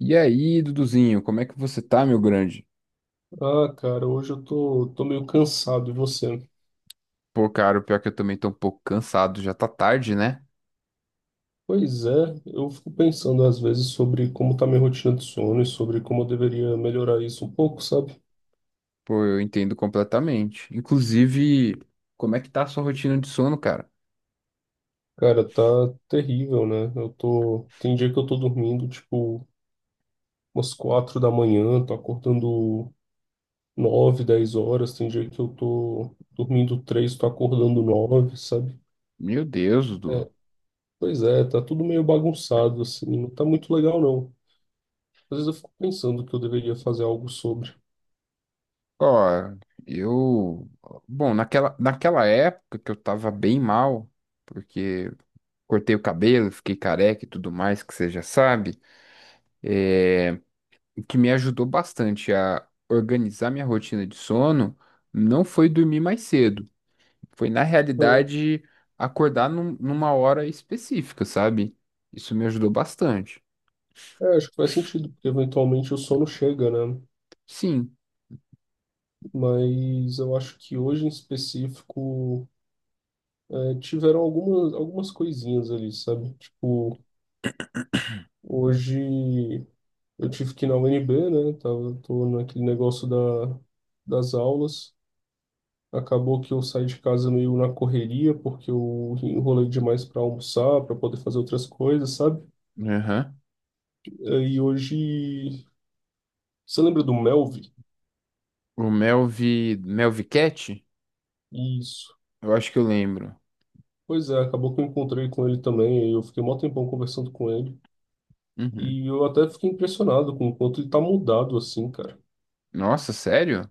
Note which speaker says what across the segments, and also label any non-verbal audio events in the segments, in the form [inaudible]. Speaker 1: E aí, Duduzinho, como é que você tá, meu grande?
Speaker 2: Ah, cara, hoje eu tô meio cansado, e você?
Speaker 1: Pô, cara, o pior é que eu também tô um pouco cansado, já tá tarde, né?
Speaker 2: Pois é, eu fico pensando às vezes sobre como tá minha rotina de sono e sobre como eu deveria melhorar isso um pouco, sabe?
Speaker 1: Pô, eu entendo completamente. Inclusive, como é que tá a sua rotina de sono, cara?
Speaker 2: Cara, tá terrível, né? Tem dia que eu tô dormindo tipo umas quatro da manhã, tô acordando nove, dez horas, tem dia que eu tô dormindo três, tô acordando nove, sabe?
Speaker 1: Meu Deus, Dudu.
Speaker 2: É, pois é, tá tudo meio bagunçado assim, não tá muito legal não. Às vezes eu fico pensando que eu deveria fazer algo sobre.
Speaker 1: Ó, eu. Bom, naquela época que eu tava bem mal, porque cortei o cabelo, fiquei careca e tudo mais, que você já sabe, o que me ajudou bastante a organizar minha rotina de sono não foi dormir mais cedo. Foi, na
Speaker 2: Ah,
Speaker 1: realidade, acordar numa hora específica, sabe? Isso me ajudou bastante.
Speaker 2: é, acho que faz sentido, porque eventualmente o sono chega, né?
Speaker 1: Sim.
Speaker 2: Mas eu acho que hoje em específico tiveram algumas coisinhas ali, sabe? Tipo, hoje eu tive que ir na UNB, né? Tô naquele negócio das aulas. Acabou que eu saí de casa meio na correria, porque eu enrolei demais para almoçar, para poder fazer outras coisas, sabe?
Speaker 1: Aham.
Speaker 2: É, e hoje. Você lembra do Melvi?
Speaker 1: O Melvi. Melvi Cat?
Speaker 2: Isso.
Speaker 1: Eu acho que eu lembro.
Speaker 2: Pois é, acabou que eu encontrei com ele também, aí eu fiquei mó tempão conversando com ele,
Speaker 1: Uhum.
Speaker 2: e eu até fiquei impressionado com o quanto ele tá mudado assim, cara.
Speaker 1: Nossa, sério?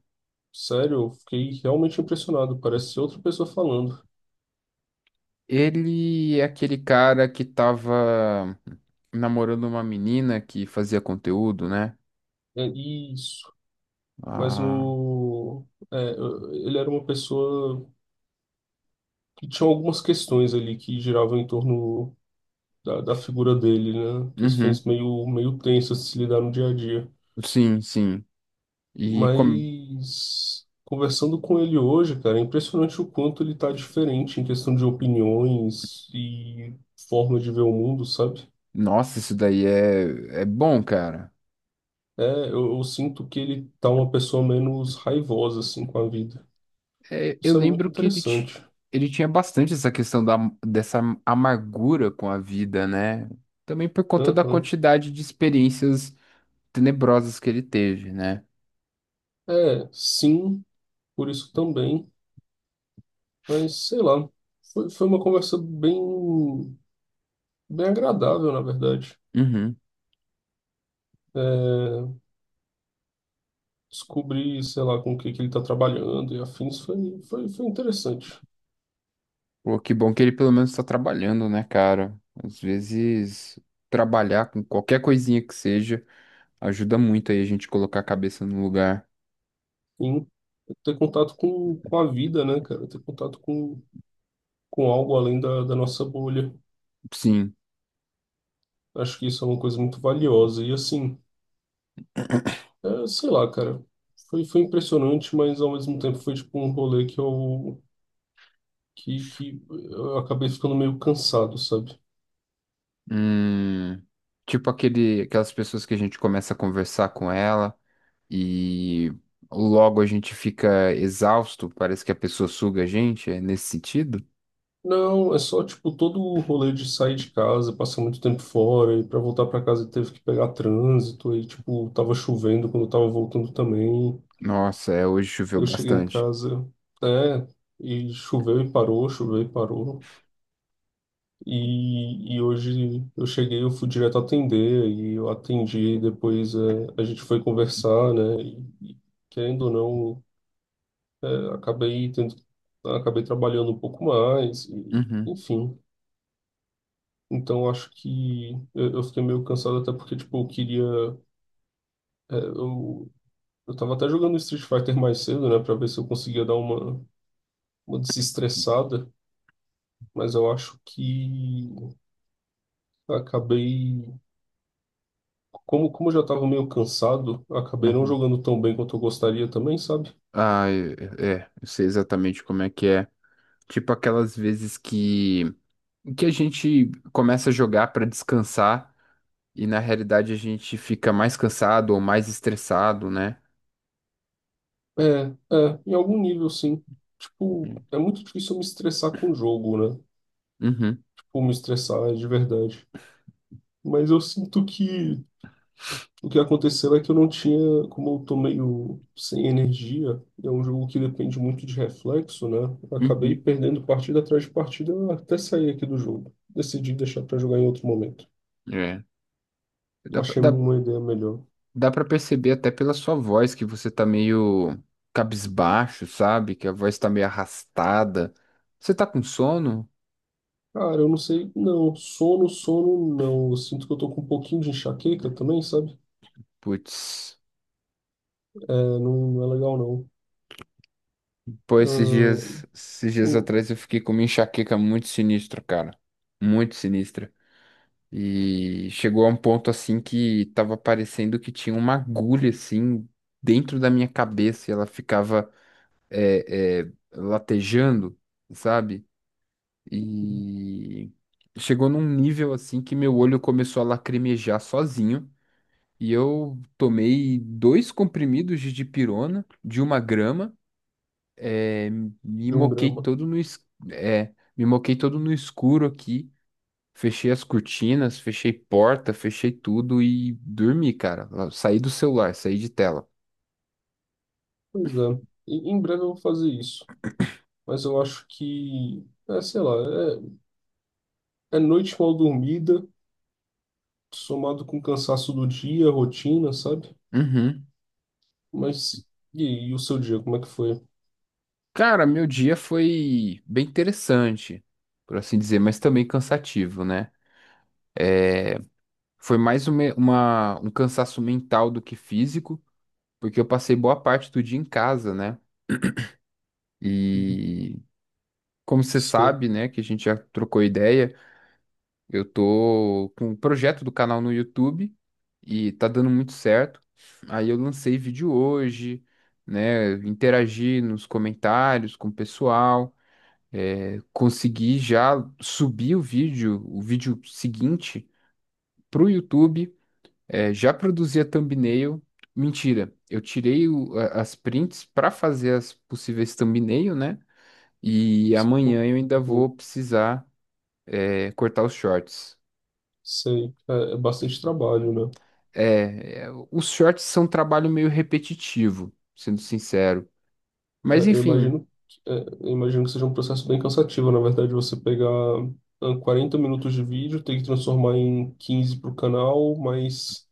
Speaker 2: Sério, eu fiquei realmente impressionado, parece outra pessoa falando.
Speaker 1: Ele é aquele cara que tava namorando uma menina que fazia conteúdo, né?
Speaker 2: É isso, mas
Speaker 1: Ah.
Speaker 2: no... é, ele era uma pessoa que tinha algumas questões ali que giravam em torno da figura dele, né?
Speaker 1: Uhum.
Speaker 2: Questões meio tensas de se lidar no dia a dia.
Speaker 1: Sim, sim. E como.
Speaker 2: Mas conversando com ele hoje, cara, é impressionante o quanto ele tá diferente em questão de opiniões e forma de ver o mundo, sabe?
Speaker 1: Nossa, isso daí é bom, cara.
Speaker 2: É, eu sinto que ele tá uma pessoa menos raivosa, assim, com a vida.
Speaker 1: É, eu
Speaker 2: Isso é muito
Speaker 1: lembro que ele,
Speaker 2: interessante.
Speaker 1: ele tinha bastante essa questão dessa amargura com a vida, né? Também por conta da
Speaker 2: Aham.
Speaker 1: quantidade de experiências tenebrosas que ele teve, né?
Speaker 2: É, sim, por isso também, mas sei lá, foi uma conversa bem agradável, na verdade.
Speaker 1: Uhum.
Speaker 2: É, descobrir, sei lá, com o que que ele tá trabalhando e afins foi, foi interessante.
Speaker 1: Pô, que bom que ele pelo menos tá trabalhando, né, cara? Às vezes, trabalhar com qualquer coisinha que seja ajuda muito aí a gente colocar a cabeça no lugar.
Speaker 2: Sim, ter contato com a vida, né, cara? Ter contato com algo além da nossa bolha.
Speaker 1: Sim.
Speaker 2: Acho que isso é uma coisa muito valiosa. E assim, é, sei lá, cara, foi, foi impressionante, mas ao mesmo tempo foi tipo um rolê que eu acabei ficando meio cansado, sabe?
Speaker 1: Hum, tipo aquelas pessoas que a gente começa a conversar com ela. E logo a gente fica exausto, parece que a pessoa suga a gente, é nesse sentido?
Speaker 2: Não, é só tipo todo o rolê de sair de casa, passar muito tempo fora, e pra voltar pra casa teve que pegar trânsito, aí tipo tava chovendo quando eu tava voltando também.
Speaker 1: Nossa, é, hoje choveu
Speaker 2: Eu cheguei em
Speaker 1: bastante.
Speaker 2: casa, é, e choveu e parou, choveu e parou. E hoje eu cheguei, eu fui direto atender, e eu atendi, depois é, a gente foi conversar, né? E querendo ou não, é, acabei tendo, acabei trabalhando um pouco mais, e,
Speaker 1: Uhum,
Speaker 2: enfim. Então eu acho que eu fiquei meio cansado até porque, tipo, eu queria. É, eu tava até jogando Street Fighter mais cedo, né? Pra ver se eu conseguia dar uma desestressada. Mas eu acho que eu acabei, como eu já estava meio cansado, eu acabei não
Speaker 1: uhum.
Speaker 2: jogando tão bem quanto eu gostaria também, sabe?
Speaker 1: Ah, é, eu sei exatamente como é que é. Tipo aquelas vezes que a gente começa a jogar para descansar e na realidade a gente fica mais cansado ou mais estressado, né?
Speaker 2: É, é, em algum nível sim. Tipo, é muito difícil eu me estressar com o jogo, né?
Speaker 1: Uhum,
Speaker 2: Tipo, me estressar de verdade. Mas eu sinto que o que aconteceu é que eu não tinha, como eu tô meio sem energia, é um jogo que depende muito de reflexo, né? Eu acabei
Speaker 1: uhum.
Speaker 2: perdendo partida atrás de partida até sair aqui do jogo. Decidi deixar para jogar em outro momento.
Speaker 1: É.
Speaker 2: Eu
Speaker 1: Dá, pra-
Speaker 2: achei
Speaker 1: dá,
Speaker 2: uma ideia melhor.
Speaker 1: Dá pra perceber até pela sua voz que você tá meio cabisbaixo, sabe? Que a voz tá meio arrastada. Você tá com sono?
Speaker 2: Cara, eu não sei, não. Sono, sono, não. Eu sinto que eu tô com um pouquinho de enxaqueca também, sabe?
Speaker 1: Putz.
Speaker 2: É, não, não é legal, não.
Speaker 1: Pô, esses
Speaker 2: Ah,
Speaker 1: dias, esses dias
Speaker 2: um,
Speaker 1: atrás eu fiquei com uma enxaqueca muito sinistra, cara. Muito sinistra. E chegou a um ponto assim que tava parecendo que tinha uma agulha assim dentro da minha cabeça e ela ficava latejando, sabe? E chegou num nível assim que meu olho começou a lacrimejar sozinho. E eu tomei dois comprimidos de dipirona de 1 grama. eh, me
Speaker 2: de um
Speaker 1: moquei
Speaker 2: grama.
Speaker 1: todo no, es- Me moquei todo no escuro aqui. Fechei as cortinas, fechei porta, fechei tudo e dormi, cara. Saí do celular, saí de tela.
Speaker 2: Pois é. Em breve eu vou fazer isso. Mas eu acho que, é, sei lá, é, é noite mal dormida, somado com o cansaço do dia, rotina, sabe?
Speaker 1: Uhum.
Speaker 2: Mas e, aí, e o seu dia, como é que foi?
Speaker 1: Cara, meu dia foi bem interessante, por assim dizer, mas também cansativo, né? Foi mais uma, um cansaço mental do que físico, porque eu passei boa parte do dia em casa, né?
Speaker 2: Uhum.
Speaker 1: E como você
Speaker 2: Sei.
Speaker 1: sabe, né, que a gente já trocou ideia, eu tô com um projeto do canal no YouTube e tá dando muito certo. Aí eu lancei vídeo hoje, né? Interagi nos comentários com o pessoal, é, consegui já subir o vídeo seguinte, pro YouTube. É, já produzia thumbnail. Mentira, eu tirei as prints para fazer as possíveis thumbnail, né? E amanhã eu ainda
Speaker 2: Uhum.
Speaker 1: vou precisar, é, cortar os shorts.
Speaker 2: Sei. É, é bastante trabalho, né?
Speaker 1: É, os shorts são um trabalho meio repetitivo, sendo sincero.
Speaker 2: É,
Speaker 1: Mas
Speaker 2: eu
Speaker 1: enfim,
Speaker 2: imagino, eu imagino que seja um processo bem cansativo, na verdade, você pegar 40 minutos de vídeo, ter que transformar em 15 para o canal, mas,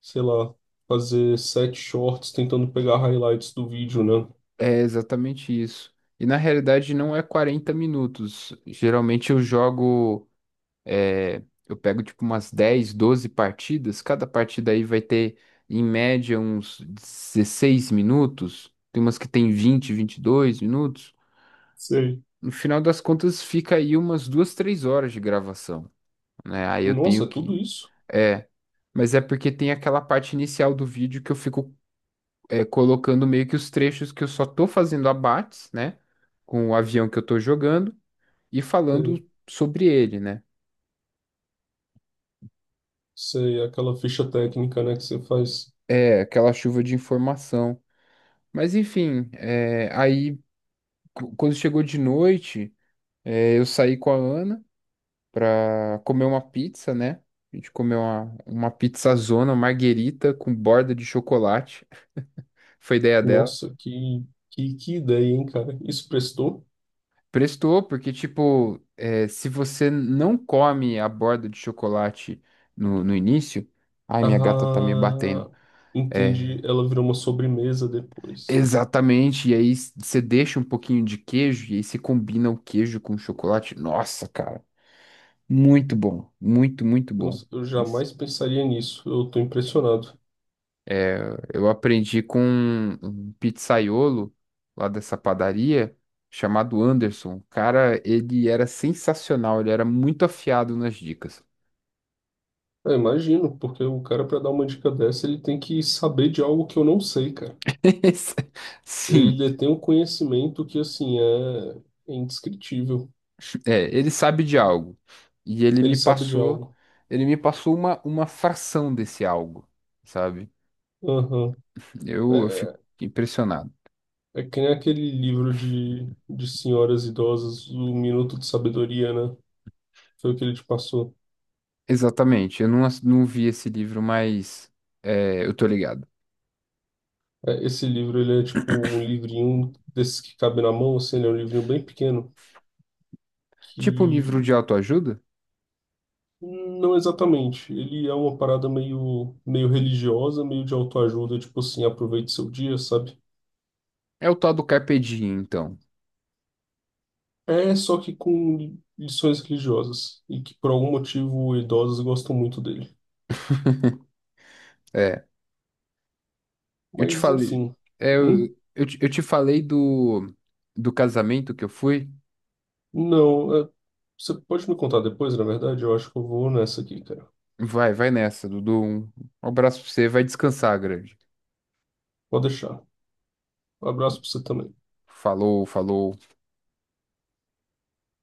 Speaker 2: sei lá, fazer sete shorts tentando pegar highlights do vídeo, né?
Speaker 1: é exatamente isso. E na realidade não é 40 minutos. Geralmente eu jogo. É, eu pego tipo umas 10, 12 partidas. Cada partida aí vai ter, em média, uns 16 minutos. Tem umas que tem 20, 22 minutos.
Speaker 2: Sei.
Speaker 1: No final das contas, fica aí umas 2, 3 horas de gravação, né? Aí eu tenho
Speaker 2: Nossa, é tudo
Speaker 1: que.
Speaker 2: isso?
Speaker 1: É, mas é porque tem aquela parte inicial do vídeo que eu fico, é, colocando meio que os trechos que eu só tô fazendo abates, né? Com o avião que eu tô jogando e falando
Speaker 2: É.
Speaker 1: sobre ele, né?
Speaker 2: Sei, aquela ficha técnica, né, que você faz.
Speaker 1: É, aquela chuva de informação. Mas enfim, é, aí quando chegou de noite, é, eu saí com a Ana pra comer uma pizza, né? A gente comeu uma pizzazona, marguerita com borda de chocolate. [laughs] Foi ideia dela.
Speaker 2: Nossa, que ideia, hein, cara? Isso prestou?
Speaker 1: Prestou, porque, tipo, é, se você não come a borda de chocolate no início. Ai, minha gata tá me batendo.
Speaker 2: Ah, entendi.
Speaker 1: É,
Speaker 2: Ela virou uma sobremesa depois.
Speaker 1: exatamente. E aí você deixa um pouquinho de queijo, e aí você combina o queijo com o chocolate. Nossa, cara. Muito bom, muito, muito bom.
Speaker 2: Nossa, eu
Speaker 1: Isso.
Speaker 2: jamais pensaria nisso. Eu tô impressionado.
Speaker 1: Eu aprendi com um pizzaiolo lá dessa padaria, chamado Anderson. Cara, ele era sensacional, ele era muito afiado nas dicas.
Speaker 2: É, imagino, porque o cara, para dar uma dica dessa, ele tem que saber de algo que eu não sei, cara.
Speaker 1: [laughs]
Speaker 2: Ele
Speaker 1: Sim,
Speaker 2: detém um conhecimento que, assim, é, é indescritível.
Speaker 1: é, ele sabe de algo. E ele
Speaker 2: Ele
Speaker 1: me
Speaker 2: sabe de
Speaker 1: passou,
Speaker 2: algo.
Speaker 1: ele me passou uma fração desse algo, sabe?
Speaker 2: Aham.
Speaker 1: Eu fico
Speaker 2: É,
Speaker 1: impressionado.
Speaker 2: é que nem aquele livro de senhoras idosas, O Minuto de Sabedoria, né? Foi o que ele te passou.
Speaker 1: Exatamente, eu não, não vi esse livro, mas é, eu tô ligado.
Speaker 2: É, esse livro, ele é tipo um livrinho desses que cabe na mão, assim, ele é um livrinho bem pequeno,
Speaker 1: Tipo um livro
Speaker 2: que
Speaker 1: de autoajuda?
Speaker 2: não exatamente. Ele é uma parada meio religiosa, meio de autoajuda, tipo assim, aproveite seu dia, sabe?
Speaker 1: É o tal do Carpe Diem, então.
Speaker 2: É só que com lições religiosas, e que por algum motivo idosos gostam muito dele.
Speaker 1: É, eu te
Speaker 2: Mas,
Speaker 1: falei,
Speaker 2: enfim.
Speaker 1: é,
Speaker 2: Hum?
Speaker 1: eu te falei do casamento que eu fui.
Speaker 2: Não, é- você pode me contar depois, na verdade? Eu acho que eu vou nessa aqui, cara.
Speaker 1: Vai, vai nessa, Dudu. Um abraço pra você, vai descansar, grande.
Speaker 2: Pode deixar. Um abraço pra você também.
Speaker 1: Falou, falou.